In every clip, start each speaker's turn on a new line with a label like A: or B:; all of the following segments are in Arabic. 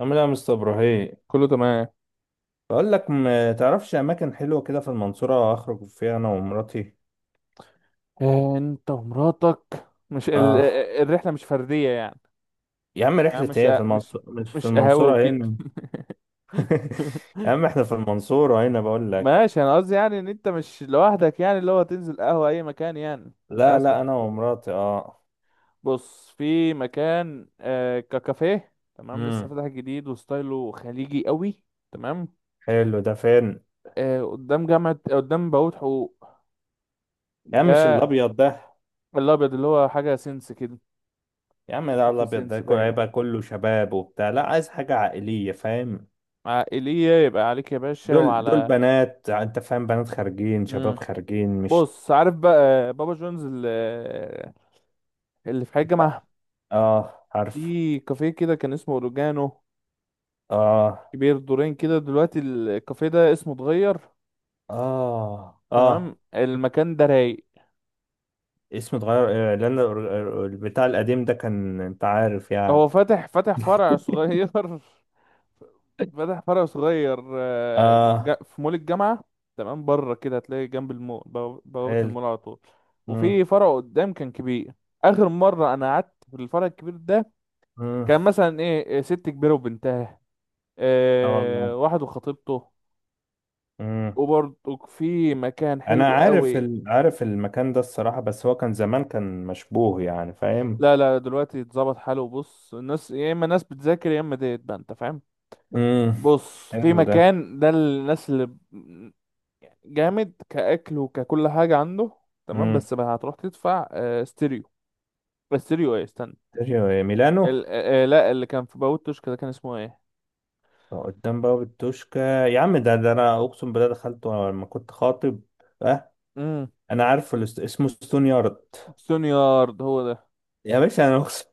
A: عامل ايه يا مستر ابراهيم؟
B: كله تمام.
A: بقول لك ما تعرفش اماكن حلوه كده في المنصوره اخرج فيها انا ومراتي؟
B: آه، انت ومراتك. مش ال...
A: اه.
B: آه، آه، الرحله مش فرديه يعني.
A: يا عم
B: يعني
A: رحله
B: مش
A: ايه في
B: آه، مش
A: المنصوره؟ مش في
B: مش قهوه
A: المنصوره
B: وكده.
A: هنا. يا عم احنا في المنصوره هنا بقول لك.
B: ماشي، انا قصدي يعني ان انت مش لوحدك، يعني اللي هو تنزل قهوه اي مكان، يعني انت
A: لا،
B: اسمك.
A: لا، انا ومراتي. اه.
B: بص، في مكان ككافيه، تمام، لسه
A: امم.
B: فاتح جديد وستايله خليجي قوي. تمام.
A: حلو. ده فين؟
B: آه، قدام جامعه، قدام بوابه حقوق
A: يا عم مش
B: ده.
A: الابيض ده؟
B: الابيض اللي هو حاجه سنس كده.
A: يا عم لا،
B: الكوفي
A: الابيض ده
B: سنس باينه.
A: هيبقى كله شباب وبتاع. لا، عايز حاجه عائليه، فاهم؟
B: عائليه يبقى عليك يا باشا
A: دول
B: وعلى.
A: بنات، انت فاهم؟ بنات خارجين، شباب
B: امم.
A: خارجين، مش...
B: بص، عارف بقى بابا جونز اللي في حي الجامعة.
A: اه، عارف.
B: في كافيه كده كان اسمه اوريجانو،
A: اه،
B: كبير دورين كده. دلوقتي الكافيه ده اسمه اتغير.
A: اه، اه.
B: تمام، المكان ده رايق.
A: اسمه اتغير. لان البتاع القديم ده كان، انت عارف يعني.
B: هو فاتح فرع صغير فاتح فرع صغير،
A: اه.
B: في مول الجامعة. تمام، بره كده هتلاقي جنب المول بوابة
A: حلو.
B: المول على طول.
A: امم،
B: وفي فرع قدام كان كبير. آخر مرة أنا قعدت في الفرع الكبير ده،
A: امم.
B: كان مثلا إيه ست كبيرة وبنتها،
A: اه، والله.
B: واحد وخطيبته.
A: امم.
B: وبرضه في مكان
A: انا
B: حلو
A: عارف
B: قوي.
A: عارف المكان ده الصراحة، بس هو كان زمان كان مشبوه يعني، فاهم؟
B: لا لا، دلوقتي اتظبط حاله. بص، الناس يا اما ناس بتذاكر يا اما ديت بقى، انت فاهم.
A: امم.
B: بص، في
A: حلو ده.
B: مكان ده الناس جامد كأكل وككل حاجة عنده. تمام،
A: امم.
B: بس بقى هتروح تدفع ستيريو. ستيريو ايه، استنى.
A: تيريو ميلانو.
B: ال... آه، آه، لا، اللي كان في باوتش كده كان اسمه ايه.
A: قدام باب التوشكا يا عم، ده انا اقسم بالله دخلته وانا لما كنت خاطب. اه.
B: امم.
A: انا عارفه اسمه ستون يارد.
B: سونيارد هو ده.
A: يا باشا، انا اقسم.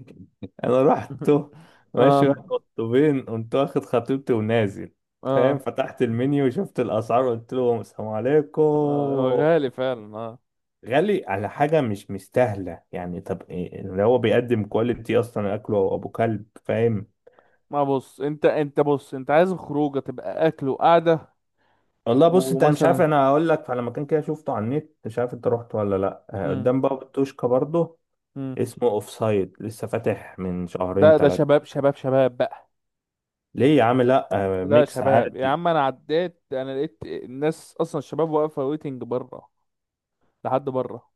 A: انا رحت. ماشي،
B: اه
A: واحد قطبين، قمت واخد خطيبتي ونازل. فاهم؟
B: اه،
A: فتحت المنيو وشفت الاسعار، قلت لهم السلام عليكم.
B: هو غالي فعلا.
A: غالي على حاجه مش مستاهله يعني. طب إيه اللي هو بيقدم؟ كواليتي؟ اصلا اكله ابو كلب، فاهم؟
B: ما بص، انت بص، انت عايز الخروجه تبقى اكل وقعده
A: والله بص انت، أنا مش عارف،
B: ومثلا.
A: انا هقول لك على مكان كده شفته على النت، مش عارف انت رحت ولا لا.
B: امم.
A: قدام باب التوشكا برضه.
B: امم.
A: اسمه اوف سايد، لسه فاتح من شهرين
B: ده
A: ثلاثه.
B: شباب شباب شباب بقى.
A: ليه يا عم؟ لا.
B: لا،
A: ميكس
B: شباب يا
A: عادي.
B: عم، انا عديت انا لقيت الناس اصلا الشباب واقفه ويتنج بره، لحد بره.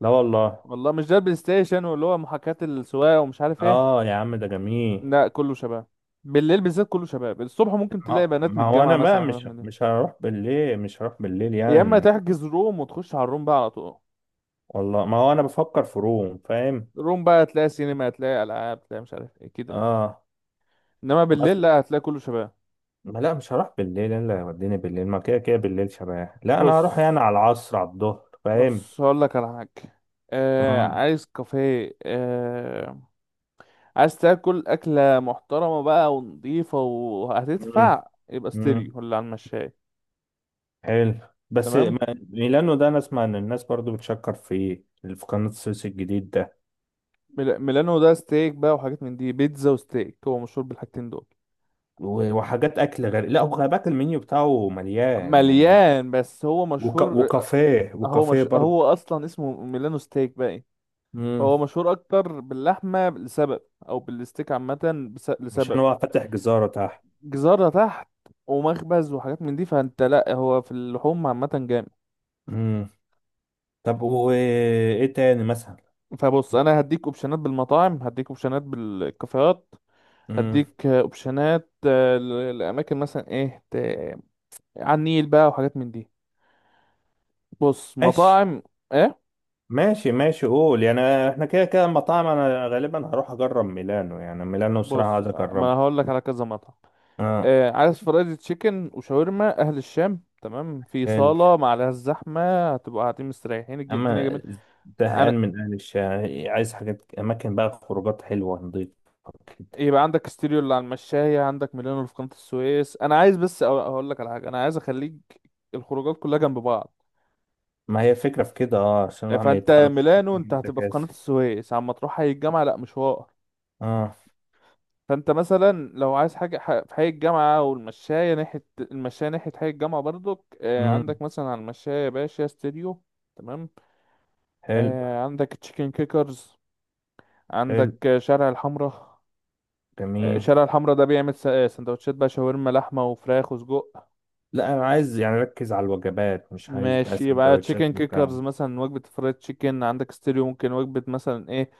A: لا والله.
B: والله مش ده البلاي ستيشن واللي هو محاكاة السواقه ومش عارف ايه.
A: اه يا عم، ده جميل.
B: لا كله شباب. بالليل بالذات كله شباب، الصبح ممكن تلاقي
A: ما
B: بنات من
A: ما هو
B: الجامعه
A: انا
B: مثلا
A: بقى
B: أو حاجات
A: مش
B: من دي.
A: مش هروح بالليل، مش هروح بالليل
B: يا اما
A: يعني.
B: تحجز روم وتخش على الروم بقى على طول.
A: والله ما هو انا بفكر في روم، فاهم؟
B: الروم بقى هتلاقي سينما، هتلاقي العاب، هتلاقي مش عارف ايه كده يعني.
A: اه.
B: انما بالليل
A: مثلا.
B: لا، هتلاقي كله شباب.
A: ما لا، مش هروح بالليل الا يوديني بالليل. ما كده كده بالليل شباب، لا انا
B: بص
A: هروح يعني على العصر، على الظهر، فاهم؟
B: بص هقول لك على حاجة. آه
A: اه.
B: عايز كافيه، آه عايز تاكل أكلة محترمة بقى ونضيفة
A: امم،
B: وهتدفع، يبقى
A: امم.
B: ستيريو ولا على المشاية.
A: حلو. بس
B: تمام.
A: ميلانو ده انا اسمع ان الناس برضو بتشكر فيه، اللي في قناة السويس الجديد ده.
B: ميلانو ده ستيك بقى وحاجات من دي، بيتزا وستيك، هو مشهور بالحاجتين دول.
A: و- وحاجات اكل غير. لا، وخلي بالك المنيو بتاعه مليان يعني.
B: مليان، بس هو مشهور
A: وكافيه
B: هو
A: وكافيه
B: مش،
A: برضو.
B: هو أصلا اسمه ميلانو ستيك بقى، إيه؟ هو مشهور أكتر باللحمة لسبب، أو بالستيك عامة
A: مش
B: لسبب.
A: انا بقى فاتح جزارة تحت.
B: جزارة تحت ومخبز وحاجات من دي، فانت لا، هو في اللحوم عامة جامد.
A: امم. طب وايه تاني مثلا؟
B: فبص، انا هديك اوبشنات بالمطاعم، هديك اوبشنات بالكافيهات،
A: امم.
B: هديك اوبشنات لاماكن مثلا ايه على النيل بقى وحاجات من دي. بص،
A: ماشي،
B: مطاعم ايه.
A: ماشي، ماشي، قول يعني. احنا كده كده المطاعم، انا غالبا هروح اجرب ميلانو، يعني ميلانو بصراحة
B: بص،
A: عايز
B: ما
A: اجربه.
B: هقول لك على كذا مطعم.
A: اه.
B: آه عايز فرايد تشيكن وشاورما اهل الشام، تمام، في
A: حلو.
B: صالة ما عليهاش زحمة، هتبقى قاعدين مستريحين، الدنيا
A: اما،
B: جميلة.
A: زهقان
B: انا
A: من اهل الشارع، عايز حاجات، اماكن بقى، خروجات حلوة نضيفة، كده.
B: يبقى عندك ستيريو اللي على المشاية، عندك ميلانو اللي في قناة السويس. انا عايز بس اقول لك على حاجة، انا عايز اخليك الخروجات كلها جنب بعض.
A: ما هي الفكرة في كده، اه، عشان الواحد ما
B: فانت
A: يدفعلوش.
B: ميلانو انت هتبقى في قناة
A: تكاسي.
B: السويس، عما تروح حي الجامعة لا مشوار.
A: اه.
B: فانت مثلا لو عايز حاجة في حي الجامعة والمشاية، ناحية المشاية ناحية حي الجامعة برضك،
A: امم.
B: عندك مثلا على المشاية يا باشا ستيريو، تمام.
A: حلو،
B: عندك تشيكن كيكرز،
A: حلو.
B: عندك شارع الحمراء.
A: جميل.
B: شارع الحمراء ده بيعمل سندوتشات بقى، شاورما لحمة وفراخ وسجق.
A: لا، انا عايز يعني اركز على الوجبات، مش عايز بقى
B: ماشي، يبقى
A: سندوتشات
B: تشيكن كيكرز
A: والكلام.
B: مثلا وجبة فرايد تشيكن، عندك ستيريو ممكن وجبة مثلا ايه،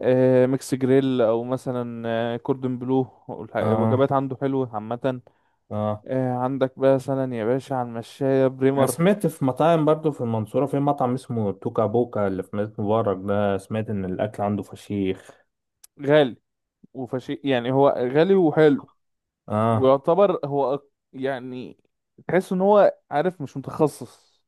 B: آه ميكس جريل او مثلا آه كوردن بلو،
A: اه،
B: الوجبات عنده حلوة عامة.
A: اه.
B: آه عندك بقى مثلا يا باشا على المشاية
A: انا
B: بريمر،
A: سمعت في مطاعم برضو في المنصورة. في مطعم اسمه توكا بوكا اللي في مدينة مبارك ده، سمعت ان الاكل عنده فشيخ.
B: غالي وفشي، يعني هو غالي وحلو.
A: اه.
B: ويعتبر هو يعني تحس ان هو عارف مش متخصص،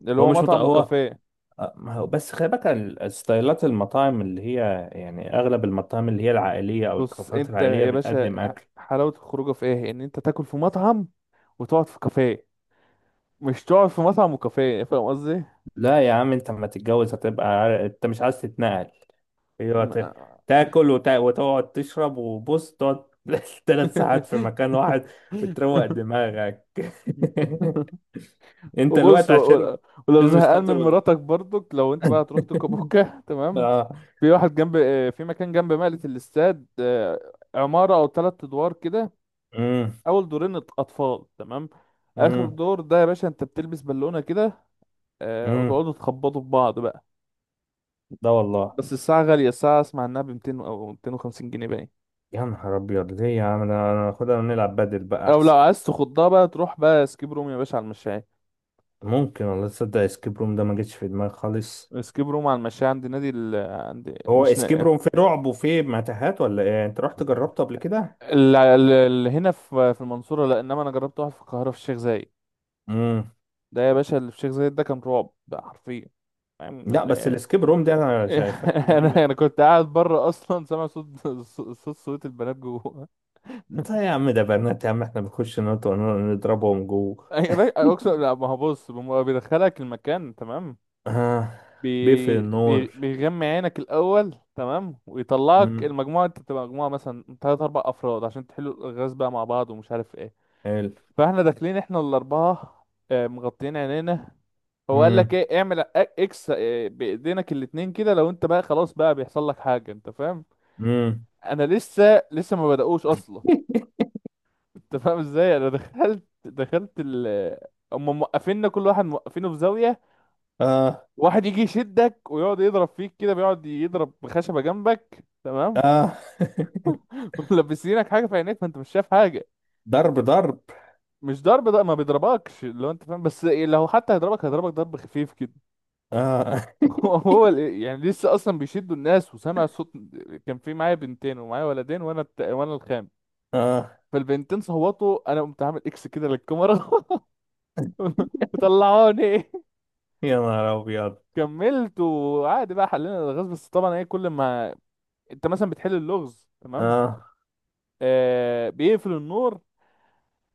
B: اللي
A: هو
B: هو
A: مش
B: مطعم
A: هو...
B: وكافيه.
A: ما هو بس خلي بالك الستايلات، المطاعم اللي هي يعني اغلب المطاعم اللي هي العائلية او
B: بص
A: الكافيهات
B: انت
A: العائلية
B: يا باشا،
A: بتقدم اكل.
B: حلاوة الخروجه في ايه؟ ان انت تاكل في مطعم وتقعد في كافيه، مش تقعد في مطعم وكافيه، يعني فاهم قصدي.
A: لا يا عم، انت لما تتجوز هتبقى انت مش عايز تتنقل. ايوه، تاكل وتقعد تشرب، وبص تقعد 3 ساعات في مكان واحد. وتروق دماغك. انت
B: وبص
A: الوقت عشان،
B: ولو
A: عشان مش
B: زهقان
A: خاطر.
B: من مراتك برضك، لو انت بقى هتروح توكابوكا تمام.
A: اه.
B: في واحد جنب، في مكان جنب مقلة الاستاد، عمارة او 3 ادوار كده.
A: امم،
B: اول دورين اطفال، تمام. اخر
A: امم،
B: دور ده يا باشا انت بتلبس بالونة كده،
A: امم.
B: وتقعدوا تخبطوا في بعض بقى.
A: ده والله.
B: بس الساعة غالية، الساعة اسمع انها ب 200 او 250 جنيه باين.
A: يا نهار ابيض، ليه يا عم؟ انا خدها نلعب بدل بقى
B: او لو
A: احسن.
B: عايز تخضها بقى تروح بقى اسكيب روم يا باشا على المشاية.
A: ممكن والله، تصدق اسكيب روم ده ما جتش في دماغي خالص؟
B: اسكيب روم على المشاية عند نادي عند
A: هو
B: مش
A: اسكيب
B: ن...
A: روم فيه رعب وفيه متاهات ولا ايه يعني؟ انت رحت جربته قبل كده؟
B: ال... ال... هنا في المنصورة لا، انما انا جربت واحد في القاهرة في الشيخ زايد.
A: امم.
B: ده يا باشا اللي في الشيخ زايد ده كان رعب بقى حرفيا، فاهم
A: لا بس السكيب روم ده، انا شايف فاكر ان هي
B: انا كنت قاعد بره اصلا، سامع صوت البنات جوه.
A: انت يا عم، ده بنات يا عم، احنا بنخش نضربهم جوه.
B: أقسم، لا ما هو بص، بم- بيدخلك المكان، تمام.
A: آه. بيقفل
B: بي... بي...
A: النور.
B: بيغمي عينك الأول، تمام، ويطلعك
A: امم.
B: المجموعة. انت بتبقى مجموعة مثلا تلات أربع أفراد عشان تحلوا الألغاز بقى مع بعض ومش عارف ايه.
A: حلو.
B: فاحنا داخلين احنا الأربعة، مغطيين عينينا. هو قال لك
A: امم،
B: ايه، اعمل اكس بإيدينك الاتنين كده، لو انت بقى خلاص بقى بيحصل لك حاجة، انت فاهم.
A: امم.
B: انا لسه ما بدأوش أصلا. انت فاهم ازاي، انا دخلت. هم موقفيننا كل واحد موقفينه في زاوية.
A: اه،
B: واحد يجي يشدك ويقعد يضرب فيك كده، بيقعد يضرب بخشبة جامبك، تمام.
A: اه.
B: ملبسينك حاجة في عينيك فانت مش شايف حاجة.
A: ضرب، ضرب؟
B: مش ضرب، ده ما بيضربكش لو انت فاهم، بس إيه، لو حتى هيضربك هيضربك ضرب خفيف كده.
A: اه،
B: هو يعني لسه اصلا بيشدوا الناس وسامع صوت. كان في معايا بنتين ومعايا ولدين، وانا الخام.
A: اه.
B: فالبنتين صوتوا، انا قمت عامل اكس كده للكاميرا، طلعوني.
A: يا نهار ابيض.
B: كملت وعادي بقى، حلينا الغاز، بس طبعا ايه، كل ما انت مثلا بتحل اللغز تمام،
A: اه.
B: آه بيقفل النور،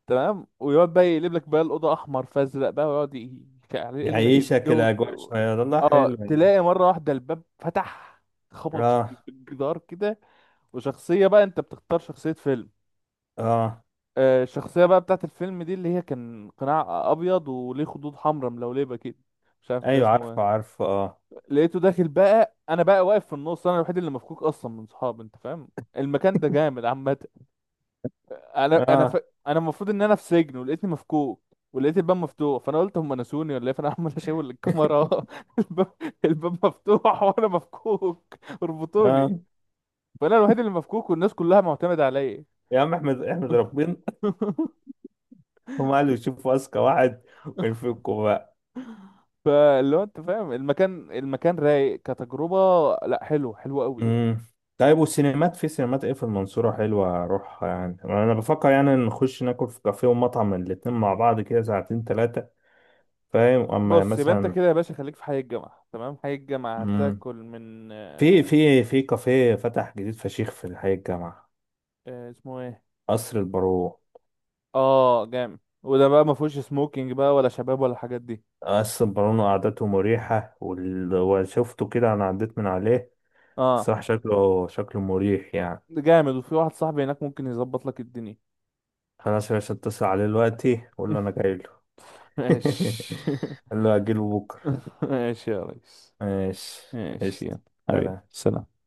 B: تمام، ويقعد بقى يقلب لك بقى الأوضة أحمر فأزرق بقى ويقعد يعني يقلب لك
A: يعيشك
B: الجو.
A: الاجواء شويه، والله حلو
B: اه،
A: يعني.
B: تلاقي مرة واحدة الباب فتح، خبط في
A: اه،
B: الجدار كده، وشخصية بقى، انت بتختار شخصية فيلم.
A: اه.
B: آه، الشخصية بقى بتاعت الفيلم دي اللي هي كان قناع أبيض وليه خدود حمراء ملولبة كده، مش عارف ده
A: ايوه،
B: اسمه
A: عارفه،
B: ايه.
A: عارفه، اه.
B: لقيته داخل بقى، انا بقى واقف في النص، انا الوحيد اللي مفكوك اصلا من صحابي، انت فاهم. المكان ده جامد عامة. انا انا ف...
A: اه،
B: انا المفروض ان انا في سجن ولقيتني مفكوك، ولقيت الباب مفتوح، فانا قلت هم نسوني ولا ايه، فانا عمال اشاور للكاميرا. الباب، الباب مفتوح وانا مفكوك، اربطوني.
A: اه.
B: فانا الوحيد اللي مفكوك والناس كلها معتمدة عليا.
A: يا عم، احمد احمد ربنا. هم قالوا يشوفوا اذكى واحد، وينفكوا بقى.
B: فاللي هو انت فاهم، المكان رايق كتجربة. لا حلو حلو قوي.
A: امم. طيب، والسينمات؟ في سينمات ايه في المنصورة حلوة اروحها يعني؟ انا بفكر يعني نخش ناكل في كافيه ومطعم الاتنين مع بعض كده ساعتين ثلاثة. فاهم؟ اما
B: بص، يبقى انت
A: مثلا.
B: كده يا باشا خليك في حي الجامعة، تمام، حي الجامعة
A: امم.
B: هتاكل من
A: في في في كافيه فتح جديد فشيخ في الحي الجامعة.
B: اسمه ايه.
A: قصر البارون.
B: اه جامد، وده بقى ما فيهوش سموكينج بقى ولا شباب ولا الحاجات دي.
A: قصر البارون وقعدته مريحة، وشفته كده، انا عديت من عليه.
B: اه
A: الصراحة، شكله مريح يعني.
B: جامد، وفي واحد صاحبي هناك ممكن يظبط لك الدنيا.
A: خلاص يا باشا، اتصل عليه دلوقتي، قول له انا جاي.
B: ماشي.
A: قال له أجيله بكرة.
B: ماشي يا ريس.
A: ماشي
B: ماشي يلا.
A: قشطة.
B: حبيبي
A: سلام.
B: سلام.